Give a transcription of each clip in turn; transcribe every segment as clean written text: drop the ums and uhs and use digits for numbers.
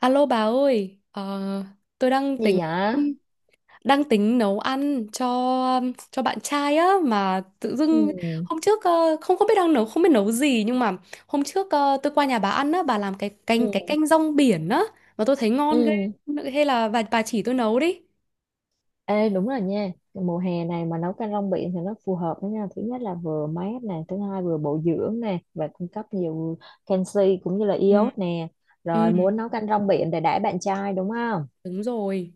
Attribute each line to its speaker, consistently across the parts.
Speaker 1: Alo bà ơi, tôi đang tính
Speaker 2: Gì vậy?
Speaker 1: nấu ăn cho bạn trai á, mà tự dưng
Speaker 2: Ừ.
Speaker 1: hôm trước không không biết đang nấu, không biết nấu gì, nhưng mà hôm trước tôi qua nhà bà ăn á, bà làm
Speaker 2: Ừ.
Speaker 1: cái canh rong biển á mà tôi thấy ngon ghê.
Speaker 2: Ừ.
Speaker 1: Hay là bà chỉ tôi nấu đi.
Speaker 2: Ê, đúng rồi nha. Mùa hè này mà nấu canh rong biển thì nó phù hợp đó nha. Thứ nhất là vừa mát nè, thứ hai vừa bổ dưỡng nè, và cung cấp nhiều canxi cũng như là
Speaker 1: Ừ,
Speaker 2: iốt nè. Rồi,
Speaker 1: ừ,
Speaker 2: muốn nấu canh rong biển để đãi bạn trai đúng không?
Speaker 1: đúng rồi.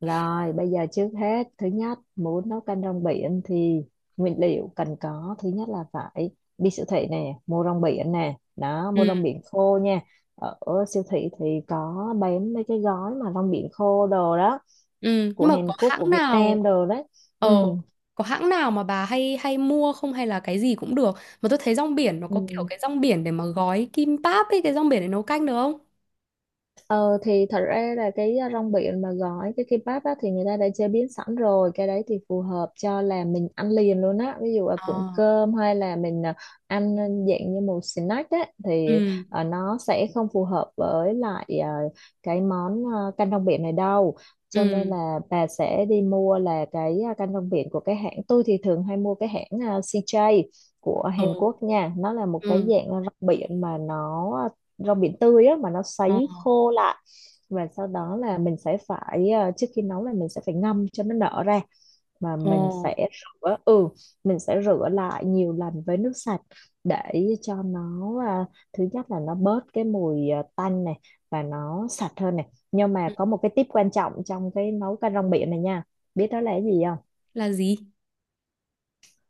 Speaker 2: Rồi, bây giờ trước hết, thứ nhất, muốn nấu canh rong biển thì nguyên liệu cần có, thứ nhất là phải đi siêu thị nè, mua rong biển nè, đó, mua rong biển khô nha. Ở siêu thị thì có bán mấy cái gói mà rong biển khô đồ đó,
Speaker 1: Ừ,
Speaker 2: của
Speaker 1: nhưng mà
Speaker 2: Hàn
Speaker 1: có
Speaker 2: Quốc, của
Speaker 1: hãng
Speaker 2: Việt
Speaker 1: nào
Speaker 2: Nam đồ đấy.
Speaker 1: ờ
Speaker 2: Ừ,
Speaker 1: có hãng nào mà bà hay hay mua không, hay là cái gì cũng được? Mà tôi thấy rong biển nó có kiểu
Speaker 2: ừ.
Speaker 1: cái rong biển để mà gói kim páp ấy, cái rong biển để nấu canh được không?
Speaker 2: Ờ thì thật ra là cái rong biển mà gói cái kimbap á, thì người ta đã chế biến sẵn rồi. Cái đấy thì phù hợp cho là mình ăn liền luôn á, ví dụ là cuộn
Speaker 1: À.
Speaker 2: cơm hay là mình ăn dạng như một snack á. Thì
Speaker 1: Ừ,
Speaker 2: nó sẽ không phù hợp với lại uh, cái món canh rong biển này đâu. Cho nên
Speaker 1: ừ,
Speaker 2: là bà sẽ đi mua là cái canh rong biển của cái hãng. Tôi thì thường hay mua cái hãng CJ của Hàn
Speaker 1: ừ,
Speaker 2: Quốc nha. Nó là một cái
Speaker 1: ừ,
Speaker 2: dạng rong biển mà nó rau biển tươi á mà nó
Speaker 1: ờ,
Speaker 2: sấy khô lại. Và sau đó là mình sẽ phải trước khi nấu là mình sẽ phải ngâm cho nó nở ra. Mà
Speaker 1: ờ.
Speaker 2: mình sẽ rửa, ừ, mình sẽ rửa lại nhiều lần với nước sạch để cho nó, à, thứ nhất là nó bớt cái mùi, tanh này, và nó sạch hơn này. Nhưng mà
Speaker 1: Ừ.
Speaker 2: có một cái tip quan trọng trong cái nấu canh rong biển này nha. Biết đó là cái gì không?
Speaker 1: Là gì?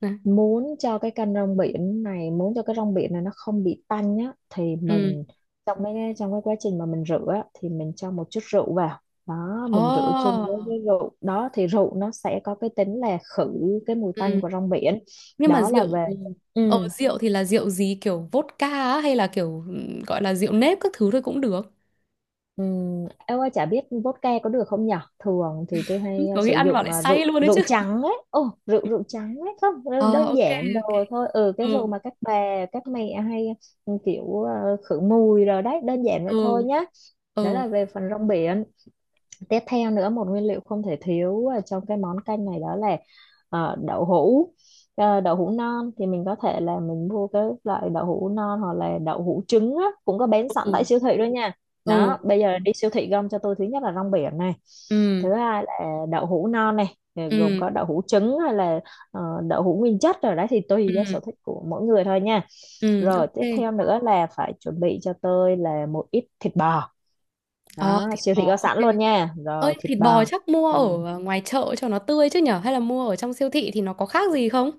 Speaker 1: Nè.
Speaker 2: Muốn cho cái kênh rong biển này muốn cho cái rong biển này nó không bị tanh nhá thì
Speaker 1: Ừ.
Speaker 2: mình, trong cái quá trình mà mình rửa á, thì mình cho một chút rượu vào. Đó, mình rửa chung
Speaker 1: Ồ,
Speaker 2: với cái rượu đó thì rượu nó sẽ có cái tính là khử cái mùi tanh
Speaker 1: ừ.
Speaker 2: của rong biển.
Speaker 1: Nhưng mà
Speaker 2: Đó
Speaker 1: rượu
Speaker 2: là về,
Speaker 1: ừ.
Speaker 2: ừ.
Speaker 1: Ờ rượu thì là rượu gì, kiểu vodka á, hay là kiểu ừ, gọi là rượu nếp các thứ thôi cũng được.
Speaker 2: Em ơi chả biết vodka có được không nhở? Thường thì tôi
Speaker 1: Ừ,
Speaker 2: hay
Speaker 1: có khi
Speaker 2: sử
Speaker 1: ăn vào
Speaker 2: dụng
Speaker 1: lại
Speaker 2: rượu
Speaker 1: say luôn đấy
Speaker 2: rượu
Speaker 1: chứ.
Speaker 2: trắng ấy. Ồ, rượu rượu trắng ấy không
Speaker 1: Ờ,
Speaker 2: đơn
Speaker 1: ok
Speaker 2: giản đồ
Speaker 1: ok.
Speaker 2: thôi. Ừ, cái
Speaker 1: Ừ.
Speaker 2: rượu mà các bà các mẹ hay kiểu khử mùi rồi đấy, đơn giản vậy thôi
Speaker 1: Ừ,
Speaker 2: nhá. Đó
Speaker 1: ừ,
Speaker 2: là về phần rong biển. Tiếp theo nữa, một nguyên liệu không thể thiếu ở trong cái món canh này đó là đậu hũ. Ờ, đậu hũ non thì mình có thể là mình mua cái loại đậu hũ non hoặc là đậu hũ trứng á, cũng có bán sẵn
Speaker 1: ừ,
Speaker 2: tại siêu thị đó nha.
Speaker 1: ừ,
Speaker 2: Đó, bây giờ đi siêu thị gom cho tôi, thứ nhất là rong biển này,
Speaker 1: ừ,
Speaker 2: thứ hai là đậu hũ non này, gồm
Speaker 1: ừ,
Speaker 2: có đậu hũ trứng hay là ờ, đậu hũ nguyên chất rồi đấy, thì tùy
Speaker 1: ừ,
Speaker 2: do sở thích của mỗi người thôi nha.
Speaker 1: ừ,
Speaker 2: Rồi
Speaker 1: ok.
Speaker 2: tiếp theo nữa là phải chuẩn bị cho tôi là một ít thịt bò.
Speaker 1: Ờ,
Speaker 2: Đó,
Speaker 1: thịt
Speaker 2: siêu thị có
Speaker 1: bò ok.
Speaker 2: sẵn luôn nha.
Speaker 1: Ơi
Speaker 2: Rồi thịt
Speaker 1: thịt bò
Speaker 2: bò
Speaker 1: chắc mua
Speaker 2: thì,
Speaker 1: ở ngoài chợ cho nó tươi chứ nhở, hay là mua ở trong siêu thị thì nó có khác gì không?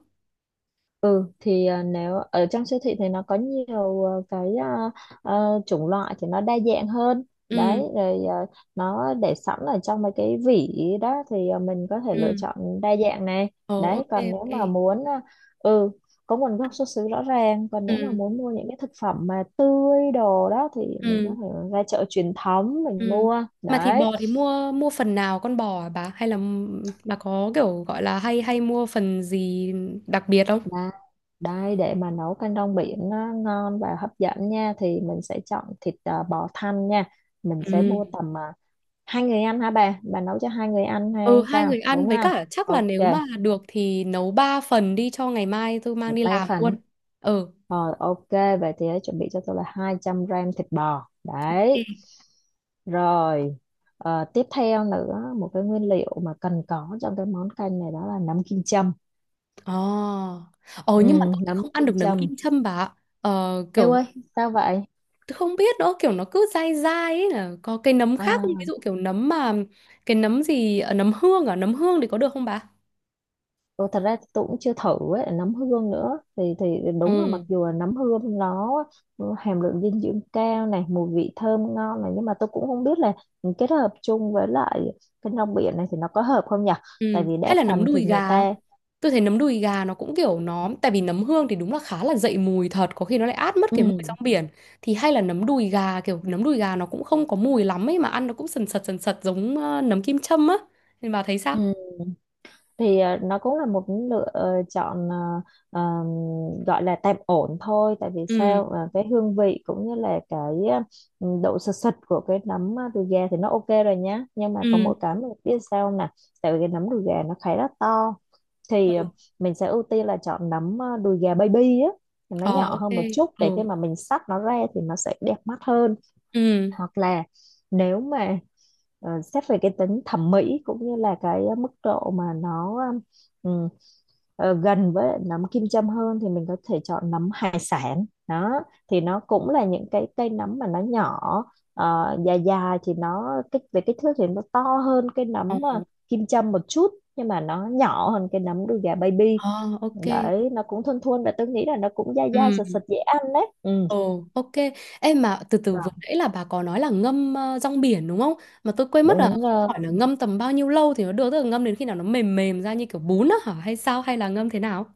Speaker 2: ừ thì, nếu ở trong siêu thị thì nó có nhiều, à, chủng loại thì nó đa dạng hơn
Speaker 1: Ừ,
Speaker 2: đấy. Rồi nó để sẵn ở trong mấy cái vỉ đó thì mình có thể lựa
Speaker 1: ừ,
Speaker 2: chọn đa dạng này.
Speaker 1: ờ,
Speaker 2: Đấy
Speaker 1: ok
Speaker 2: còn nếu
Speaker 1: ok,
Speaker 2: mà muốn, ừ, có nguồn gốc xuất xứ rõ ràng. Còn nếu mà
Speaker 1: ừ,
Speaker 2: muốn mua những cái thực phẩm mà tươi đồ đó thì mình có
Speaker 1: ừ,
Speaker 2: thể ra chợ truyền thống mình
Speaker 1: ừ.
Speaker 2: mua
Speaker 1: Mà thịt
Speaker 2: đấy.
Speaker 1: bò thì mua mua phần nào con bò, à bà hay là bà có kiểu gọi là hay hay mua phần gì đặc biệt không?
Speaker 2: Đó. Đây, để mà nấu canh rong biển nó ngon và hấp dẫn nha thì mình sẽ chọn thịt, bò thăn nha. Mình sẽ
Speaker 1: Ừ
Speaker 2: mua tầm, hai người ăn hả bà? Bà nấu cho hai người ăn hay
Speaker 1: Ừ, hai
Speaker 2: sao,
Speaker 1: người ăn,
Speaker 2: đúng
Speaker 1: với
Speaker 2: không?
Speaker 1: cả chắc là
Speaker 2: Ok,
Speaker 1: nếu mà được thì nấu ba phần đi cho ngày mai tôi
Speaker 2: ở
Speaker 1: mang đi
Speaker 2: ba
Speaker 1: làm
Speaker 2: phần.
Speaker 1: luôn. Ừ.
Speaker 2: Rồi ok, vậy thì hãy chuẩn bị cho tôi là 200 gram thịt bò. Đấy.
Speaker 1: Ok.
Speaker 2: Rồi, ờ, tiếp theo nữa một cái nguyên liệu mà cần có trong cái món canh này đó là nấm kim châm.
Speaker 1: Ồ. Ờ
Speaker 2: Ừ,
Speaker 1: nhưng mà tôi lại
Speaker 2: nấm
Speaker 1: không ăn
Speaker 2: kim
Speaker 1: được nấm
Speaker 2: châm.
Speaker 1: kim châm bà ạ. Ờ
Speaker 2: Ê
Speaker 1: kiểu
Speaker 2: ơi, sao vậy?
Speaker 1: tôi không biết nữa, kiểu nó cứ dai dai ấy, là có cái nấm khác không? Ví
Speaker 2: À.
Speaker 1: dụ kiểu nấm mà cái nấm gì nấm hương, à, nấm hương thì có được không bà?
Speaker 2: Ừ, thật ra thì tôi cũng chưa thử ấy, nấm hương nữa thì đúng là mặc
Speaker 1: Ừ.
Speaker 2: dù là nấm hương nó hàm lượng dinh dưỡng cao này, mùi vị thơm ngon này, nhưng mà tôi cũng không biết là kết hợp chung với lại cái rong biển này thì nó có hợp không nhỉ. Tại
Speaker 1: Ừ.
Speaker 2: vì
Speaker 1: Hay
Speaker 2: đa
Speaker 1: là nấm
Speaker 2: phần thì
Speaker 1: đùi
Speaker 2: người
Speaker 1: gà.
Speaker 2: ta,
Speaker 1: Tôi thấy nấm đùi gà nó cũng kiểu nó. Tại vì nấm hương thì đúng là khá là dậy mùi thật, có khi nó lại át mất cái mùi
Speaker 2: ừ,
Speaker 1: rong biển. Thì hay là nấm đùi gà, kiểu nấm đùi gà nó cũng không có mùi lắm ấy, mà ăn nó cũng sần sật giống nấm kim châm á. Nên bà thấy sao?
Speaker 2: ừ, thì nó cũng là một lựa, chọn, ờm, gọi là tạm ổn thôi. Tại vì
Speaker 1: Ừ.
Speaker 2: sao? Ờ, cái hương vị cũng như là cái độ sật sật của cái nấm đùi gà thì nó ok rồi nhá, nhưng mà có
Speaker 1: Ừ.
Speaker 2: mỗi cái mình biết sao nè, tại vì cái nấm đùi gà nó khá là to thì mình sẽ ưu tiên là chọn nấm đùi gà baby á, thì nó
Speaker 1: Ờ,
Speaker 2: nhỏ
Speaker 1: ok.
Speaker 2: hơn một chút, để
Speaker 1: Ừ.
Speaker 2: khi mà mình xắt nó ra thì nó sẽ đẹp mắt hơn.
Speaker 1: Ừ.
Speaker 2: Hoặc là nếu mà xét về cái tính thẩm mỹ cũng như là cái mức độ mà nó, ừm, gần với nấm kim châm hơn thì mình có thể chọn nấm hải sản đó. Thì nó cũng là những cái cây nấm mà nó nhỏ, dài dài, thì nó kích về kích thước thì nó to hơn cái
Speaker 1: Ờ,
Speaker 2: nấm kim châm một chút, nhưng mà nó nhỏ hơn cái nấm đùi gà baby.
Speaker 1: ờ, ok.
Speaker 2: Đấy, nó cũng thon thon và tôi nghĩ là nó cũng dai dai
Speaker 1: Ừ.
Speaker 2: sật sật dễ ăn đấy. Ừ.
Speaker 1: Ồ, ok. Em mà từ từ, vừa
Speaker 2: Vâng.
Speaker 1: nãy là bà có nói là ngâm rong biển đúng không? Mà tôi quên mất là
Speaker 2: đúng
Speaker 1: không
Speaker 2: ờ,
Speaker 1: hỏi là ngâm tầm bao nhiêu lâu thì nó được, tức là ngâm đến khi nào nó mềm mềm ra như kiểu bún á hả? Hay sao? Hay là ngâm thế nào?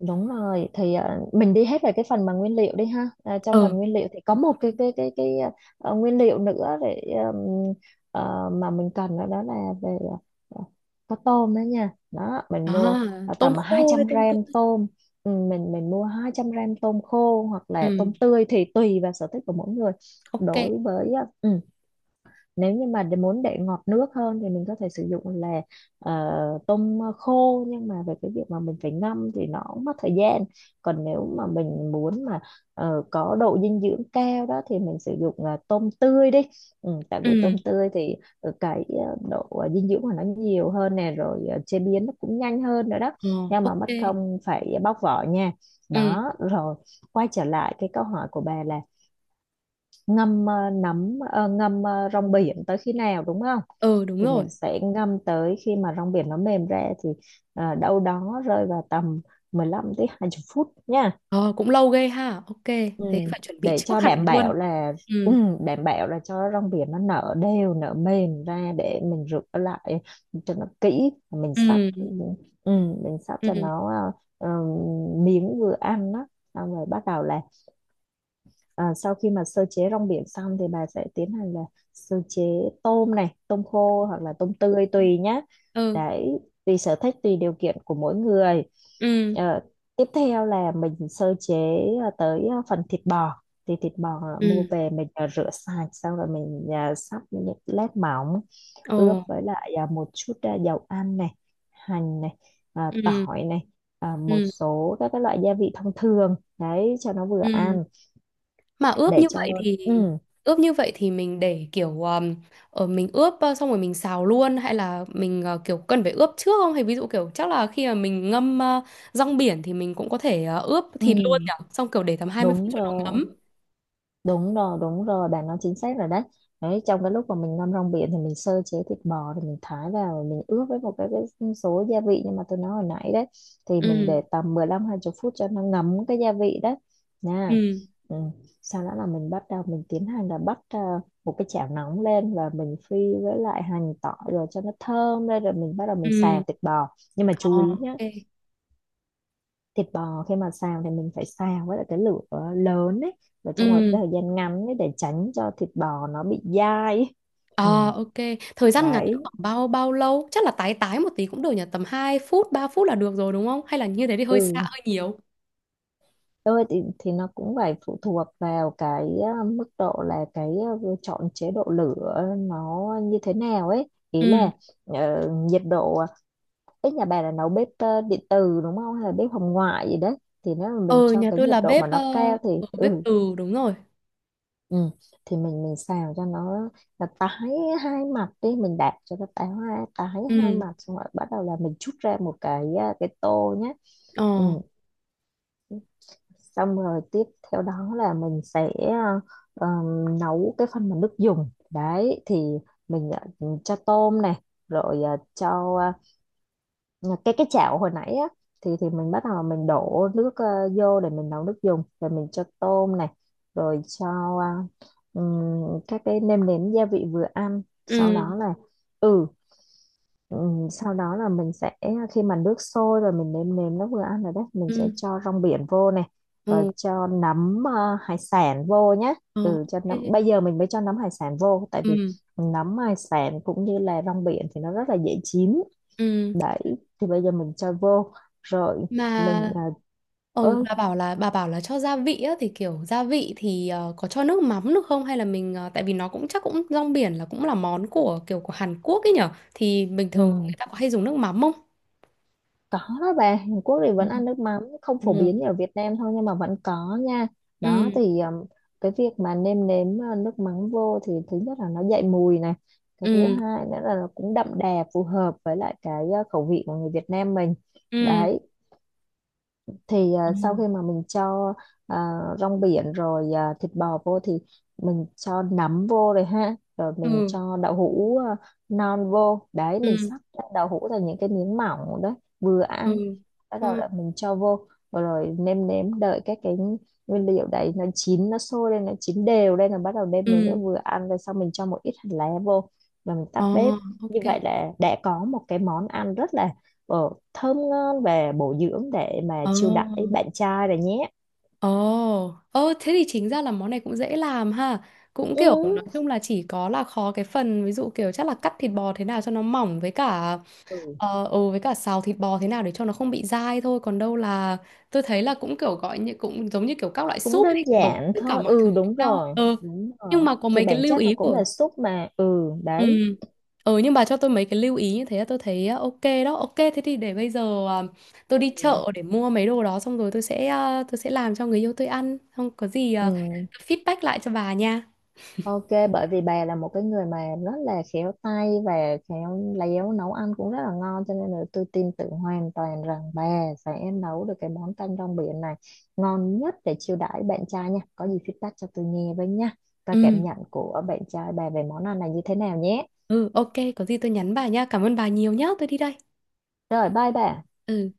Speaker 2: Đúng rồi, thì mình đi hết về cái phần mà nguyên liệu đi ha. À, trong phần
Speaker 1: Ờ,
Speaker 2: nguyên liệu thì có một cái nguyên liệu nữa để, ừm, mà mình cần đó, đó là về, ờ, có tôm đó nha. Đó
Speaker 1: à,
Speaker 2: mình mua
Speaker 1: tôm
Speaker 2: tầm hai
Speaker 1: khô hay
Speaker 2: trăm
Speaker 1: tôm
Speaker 2: gram
Speaker 1: tươi?
Speaker 2: tôm. Ừ, mình mua 200 gram tôm khô hoặc là
Speaker 1: Ừ,
Speaker 2: tôm tươi thì tùy vào sở thích của mỗi người.
Speaker 1: ok.
Speaker 2: Đối với, nếu như mà muốn để ngọt nước hơn thì mình có thể sử dụng là ờ, tôm khô, nhưng mà về cái việc mà mình phải ngâm thì nó cũng mất thời gian. Còn nếu mà mình muốn mà có độ dinh dưỡng cao đó thì mình sử dụng tôm tươi đi. Ừ, tại vì tôm
Speaker 1: Ừ,
Speaker 2: tươi thì ờ, cái ờ, độ ờ, dinh dưỡng của nó nhiều hơn nè, rồi chế biến nó cũng nhanh hơn nữa đó,
Speaker 1: ờ,
Speaker 2: nhưng mà
Speaker 1: ok.
Speaker 2: mất công phải bóc vỏ nha.
Speaker 1: Ừ,
Speaker 2: Đó rồi, quay trở lại cái câu hỏi của bà là ngâm, ngâm rong biển tới khi nào đúng không?
Speaker 1: ừ đúng
Speaker 2: Thì
Speaker 1: rồi.
Speaker 2: mình sẽ ngâm tới khi mà rong biển nó mềm ra, thì đâu đó rơi vào tầm 15 tới 20 phút nha.
Speaker 1: Ờ, cũng lâu ghê ha. Ok,
Speaker 2: Ừ.
Speaker 1: thế phải chuẩn bị
Speaker 2: Để
Speaker 1: trước
Speaker 2: cho
Speaker 1: hẳn
Speaker 2: đảm bảo
Speaker 1: luôn.
Speaker 2: là, ừ,
Speaker 1: Ừ,
Speaker 2: đảm bảo là cho rong biển nó nở đều, nở mềm ra để mình rửa lại cho nó kỹ. mình sắp
Speaker 1: ừ,
Speaker 2: ừ, mình sắp cho
Speaker 1: ừ,
Speaker 2: nó ờ, ờ, miếng vừa ăn đó. Xong rồi bắt đầu là, à, sau khi mà sơ chế rong biển xong thì bà sẽ tiến hành là sơ chế tôm này, tôm khô hoặc là tôm tươi
Speaker 1: ừ,
Speaker 2: tùy nhá.
Speaker 1: ừ,
Speaker 2: Đấy, tùy sở thích, tùy điều kiện của mỗi người. Ờ, tiếp theo là mình sơ chế tới phần thịt bò. Thì thịt bò mua
Speaker 1: ừ,
Speaker 2: về mình rửa sạch, xong rồi mình sắp những lát mỏng,
Speaker 1: ồ,
Speaker 2: ướp với lại một chút dầu ăn này, hành này,
Speaker 1: ừ,
Speaker 2: tỏi này, một
Speaker 1: ừ.
Speaker 2: số các cái loại gia vị thông thường. Đấy, cho nó vừa
Speaker 1: Ừ.
Speaker 2: ăn,
Speaker 1: Mà ướp
Speaker 2: để
Speaker 1: như
Speaker 2: cho,
Speaker 1: vậy thì
Speaker 2: ừ.
Speaker 1: ướp như vậy thì mình để kiểu ở mình ướp xong rồi mình xào luôn, hay là mình kiểu cần phải ướp trước không? Hay ví dụ kiểu chắc là khi mà mình ngâm rong biển thì mình cũng có thể ướp
Speaker 2: ừ
Speaker 1: thịt luôn nhỉ? Xong kiểu để tầm 20 phút
Speaker 2: đúng
Speaker 1: cho nó
Speaker 2: rồi
Speaker 1: ngấm.
Speaker 2: đúng rồi, bạn nói chính xác rồi đấy. Đấy, trong cái lúc mà mình ngâm rong biển thì mình sơ chế thịt bò, thì mình thái vào rồi mình ướp với một cái số gia vị nhưng mà tôi nói hồi nãy đấy. Thì mình
Speaker 1: Ừ.
Speaker 2: để tầm mười lăm, hai 20 phút cho nó ngấm cái gia vị đấy nha.
Speaker 1: Ừ.
Speaker 2: Ừ. Sau đó là mình bắt đầu mình tiến hành là bắt, một cái chảo nóng lên và mình phi với lại hành tỏi rồi cho nó thơm lên, rồi mình bắt đầu mình
Speaker 1: Ừ.
Speaker 2: xào thịt bò. Nhưng mà chú
Speaker 1: Ờ,
Speaker 2: ý nhé,
Speaker 1: ok.
Speaker 2: thịt bò khi mà xào thì mình phải xào với lại cái lửa lớn ấy, và trong một
Speaker 1: Ừ.
Speaker 2: cái thời gian ngắn ấy, để tránh cho thịt bò nó bị dai ấy. Ừ,
Speaker 1: Ờ, ok. Thời gian ngắn
Speaker 2: đấy,
Speaker 1: khoảng bao bao lâu? Chắc là tái tái một tí cũng được nhỉ? Tầm 2 phút, 3 phút là được rồi đúng không? Hay là như thế thì hơi xa
Speaker 2: ừ,
Speaker 1: hơi nhiều.
Speaker 2: thôi thì nó cũng phải phụ thuộc vào cái mức độ là cái chọn chế độ lửa nó như thế nào ấy, ý
Speaker 1: Ừ.
Speaker 2: là nhiệt độ. Cái nhà bà là nấu bếp điện từ đúng không, hay là bếp hồng ngoại gì đấy? Thì nếu mà mình
Speaker 1: Ừ,
Speaker 2: cho
Speaker 1: nhà
Speaker 2: cái
Speaker 1: tôi
Speaker 2: nhiệt
Speaker 1: là
Speaker 2: độ mà
Speaker 1: bếp
Speaker 2: nó cao thì
Speaker 1: ừ, bếp
Speaker 2: ừ,
Speaker 1: từ đúng rồi.
Speaker 2: ừ. Thì mình xào cho nó là tái hai mặt đi, mình đạp cho nó tái, hai tái hai
Speaker 1: Ừ,
Speaker 2: mặt xong rồi bắt đầu là mình trút ra một cái tô nhé.
Speaker 1: ờ,
Speaker 2: Ừ. Xong rồi tiếp theo đó là mình sẽ nấu cái phần mà nước dùng đấy, thì mình cho tôm này, rồi cho, cái chảo hồi nãy á, thì mình bắt đầu mình đổ nước vô để mình nấu nước dùng, rồi mình cho tôm này, rồi cho ờ, các cái nêm nếm gia vị vừa ăn. Sau
Speaker 1: ừ,
Speaker 2: đó là ừ, sau đó là mình sẽ, khi mà nước sôi rồi mình nêm nếm nó vừa ăn rồi đấy, mình sẽ
Speaker 1: ừ,
Speaker 2: cho rong biển vô này, rồi
Speaker 1: ừ,
Speaker 2: cho nấm hải sản vô nhé.
Speaker 1: ờ,
Speaker 2: Ừ, cho nấm,
Speaker 1: ok.
Speaker 2: bây giờ mình mới cho nấm hải sản vô tại vì
Speaker 1: Ừ,
Speaker 2: nấm hải sản cũng như là rong biển thì nó rất là dễ chín.
Speaker 1: ừ,
Speaker 2: Đấy, thì bây giờ mình cho vô rồi, mình
Speaker 1: mà ôi
Speaker 2: ơi,
Speaker 1: bà bảo là cho gia vị á, thì kiểu gia vị thì có cho nước mắm được không, hay là mình ờ, tại vì nó cũng chắc cũng rong biển là cũng là món của kiểu của Hàn Quốc ấy nhở, thì bình thường người
Speaker 2: ừ,
Speaker 1: ta có hay dùng nước mắm không?
Speaker 2: có đó bà. Hàn Quốc thì
Speaker 1: Ừ.
Speaker 2: vẫn ăn nước mắm, không phổ
Speaker 1: Ừ,
Speaker 2: biến như ở Việt Nam thôi nhưng mà vẫn có nha. Đó
Speaker 1: ừ,
Speaker 2: thì cái việc mà nêm nếm nước mắm vô thì thứ nhất là nó dậy mùi này, cái thứ
Speaker 1: ừ,
Speaker 2: hai nữa là nó cũng đậm đà, phù hợp với lại cái khẩu vị của người Việt Nam mình.
Speaker 1: ừ.
Speaker 2: Đấy, thì sau
Speaker 1: Ừ.
Speaker 2: khi mà mình cho rong biển rồi thịt bò vô thì mình cho nấm vô rồi ha, rồi mình
Speaker 1: Ừ,
Speaker 2: cho đậu hũ non vô, đấy mình
Speaker 1: ừ,
Speaker 2: sắp ra đậu hũ thành những cái miếng mỏng đấy, vừa
Speaker 1: ừ,
Speaker 2: ăn. Bắt đầu
Speaker 1: ừ,
Speaker 2: là mình cho vô rồi, rồi nêm nếm đợi các cái nguyên liệu đấy nó chín, nó sôi lên nó chín đều lên là bắt đầu nêm nếm nó
Speaker 1: ừ,
Speaker 2: vừa ăn, rồi sau mình cho một ít hành lá vô và mình
Speaker 1: ờ,
Speaker 2: tắt bếp. Như
Speaker 1: ok,
Speaker 2: vậy là đã có một cái món ăn rất là thơm ngon và bổ dưỡng để mà
Speaker 1: ờ.
Speaker 2: chiêu đãi bạn trai rồi nhé.
Speaker 1: Ồ, ơ thế thì chính ra là món này cũng dễ làm ha. Cũng
Speaker 2: Ừ,
Speaker 1: kiểu nói chung là chỉ có là khó cái phần ví dụ kiểu chắc là cắt thịt bò thế nào cho nó mỏng, với cả
Speaker 2: ừ,
Speaker 1: ờ, ừ, với cả xào thịt bò thế nào để cho nó không bị dai thôi. Còn đâu là tôi thấy là cũng kiểu gọi như cũng giống như kiểu các loại
Speaker 2: cũng
Speaker 1: súp
Speaker 2: đơn
Speaker 1: thì cũng đổ
Speaker 2: giản
Speaker 1: tất cả
Speaker 2: thôi,
Speaker 1: mọi thứ
Speaker 2: ừ,
Speaker 1: với
Speaker 2: đúng
Speaker 1: nhau.
Speaker 2: rồi
Speaker 1: Ừ.
Speaker 2: đúng
Speaker 1: Nhưng
Speaker 2: rồi,
Speaker 1: mà có
Speaker 2: thì
Speaker 1: mấy cái
Speaker 2: bản
Speaker 1: lưu
Speaker 2: chất nó
Speaker 1: ý
Speaker 2: cũng
Speaker 1: của—
Speaker 2: là súp mà. Ừ,
Speaker 1: Ừ.
Speaker 2: đấy,
Speaker 1: Ừ nhưng bà cho tôi mấy cái lưu ý như thế là tôi thấy ok đó. Ok thế thì để bây giờ tôi đi
Speaker 2: ừ.
Speaker 1: chợ để mua mấy đồ đó xong rồi tôi sẽ tôi sẽ làm cho người yêu tôi ăn. Không có gì
Speaker 2: Ừ.
Speaker 1: feedback lại cho bà nha.
Speaker 2: Ok, bởi vì bà là một cái người mà rất là khéo tay và khéo léo, nấu ăn cũng rất là ngon, cho nên là tôi tin tưởng hoàn toàn rằng bà sẽ nấu được cái món canh rong biển này ngon nhất để chiêu đãi bạn trai nha. Có gì feedback cho tôi nghe với nha. Coi
Speaker 1: Ừ.
Speaker 2: cảm nhận của bạn trai bà về món ăn này như thế nào nhé.
Speaker 1: Ừ ok có gì tôi nhắn bà nha. Cảm ơn bà nhiều nhá. Tôi đi đây.
Speaker 2: Rồi, bye bà.
Speaker 1: Ừ.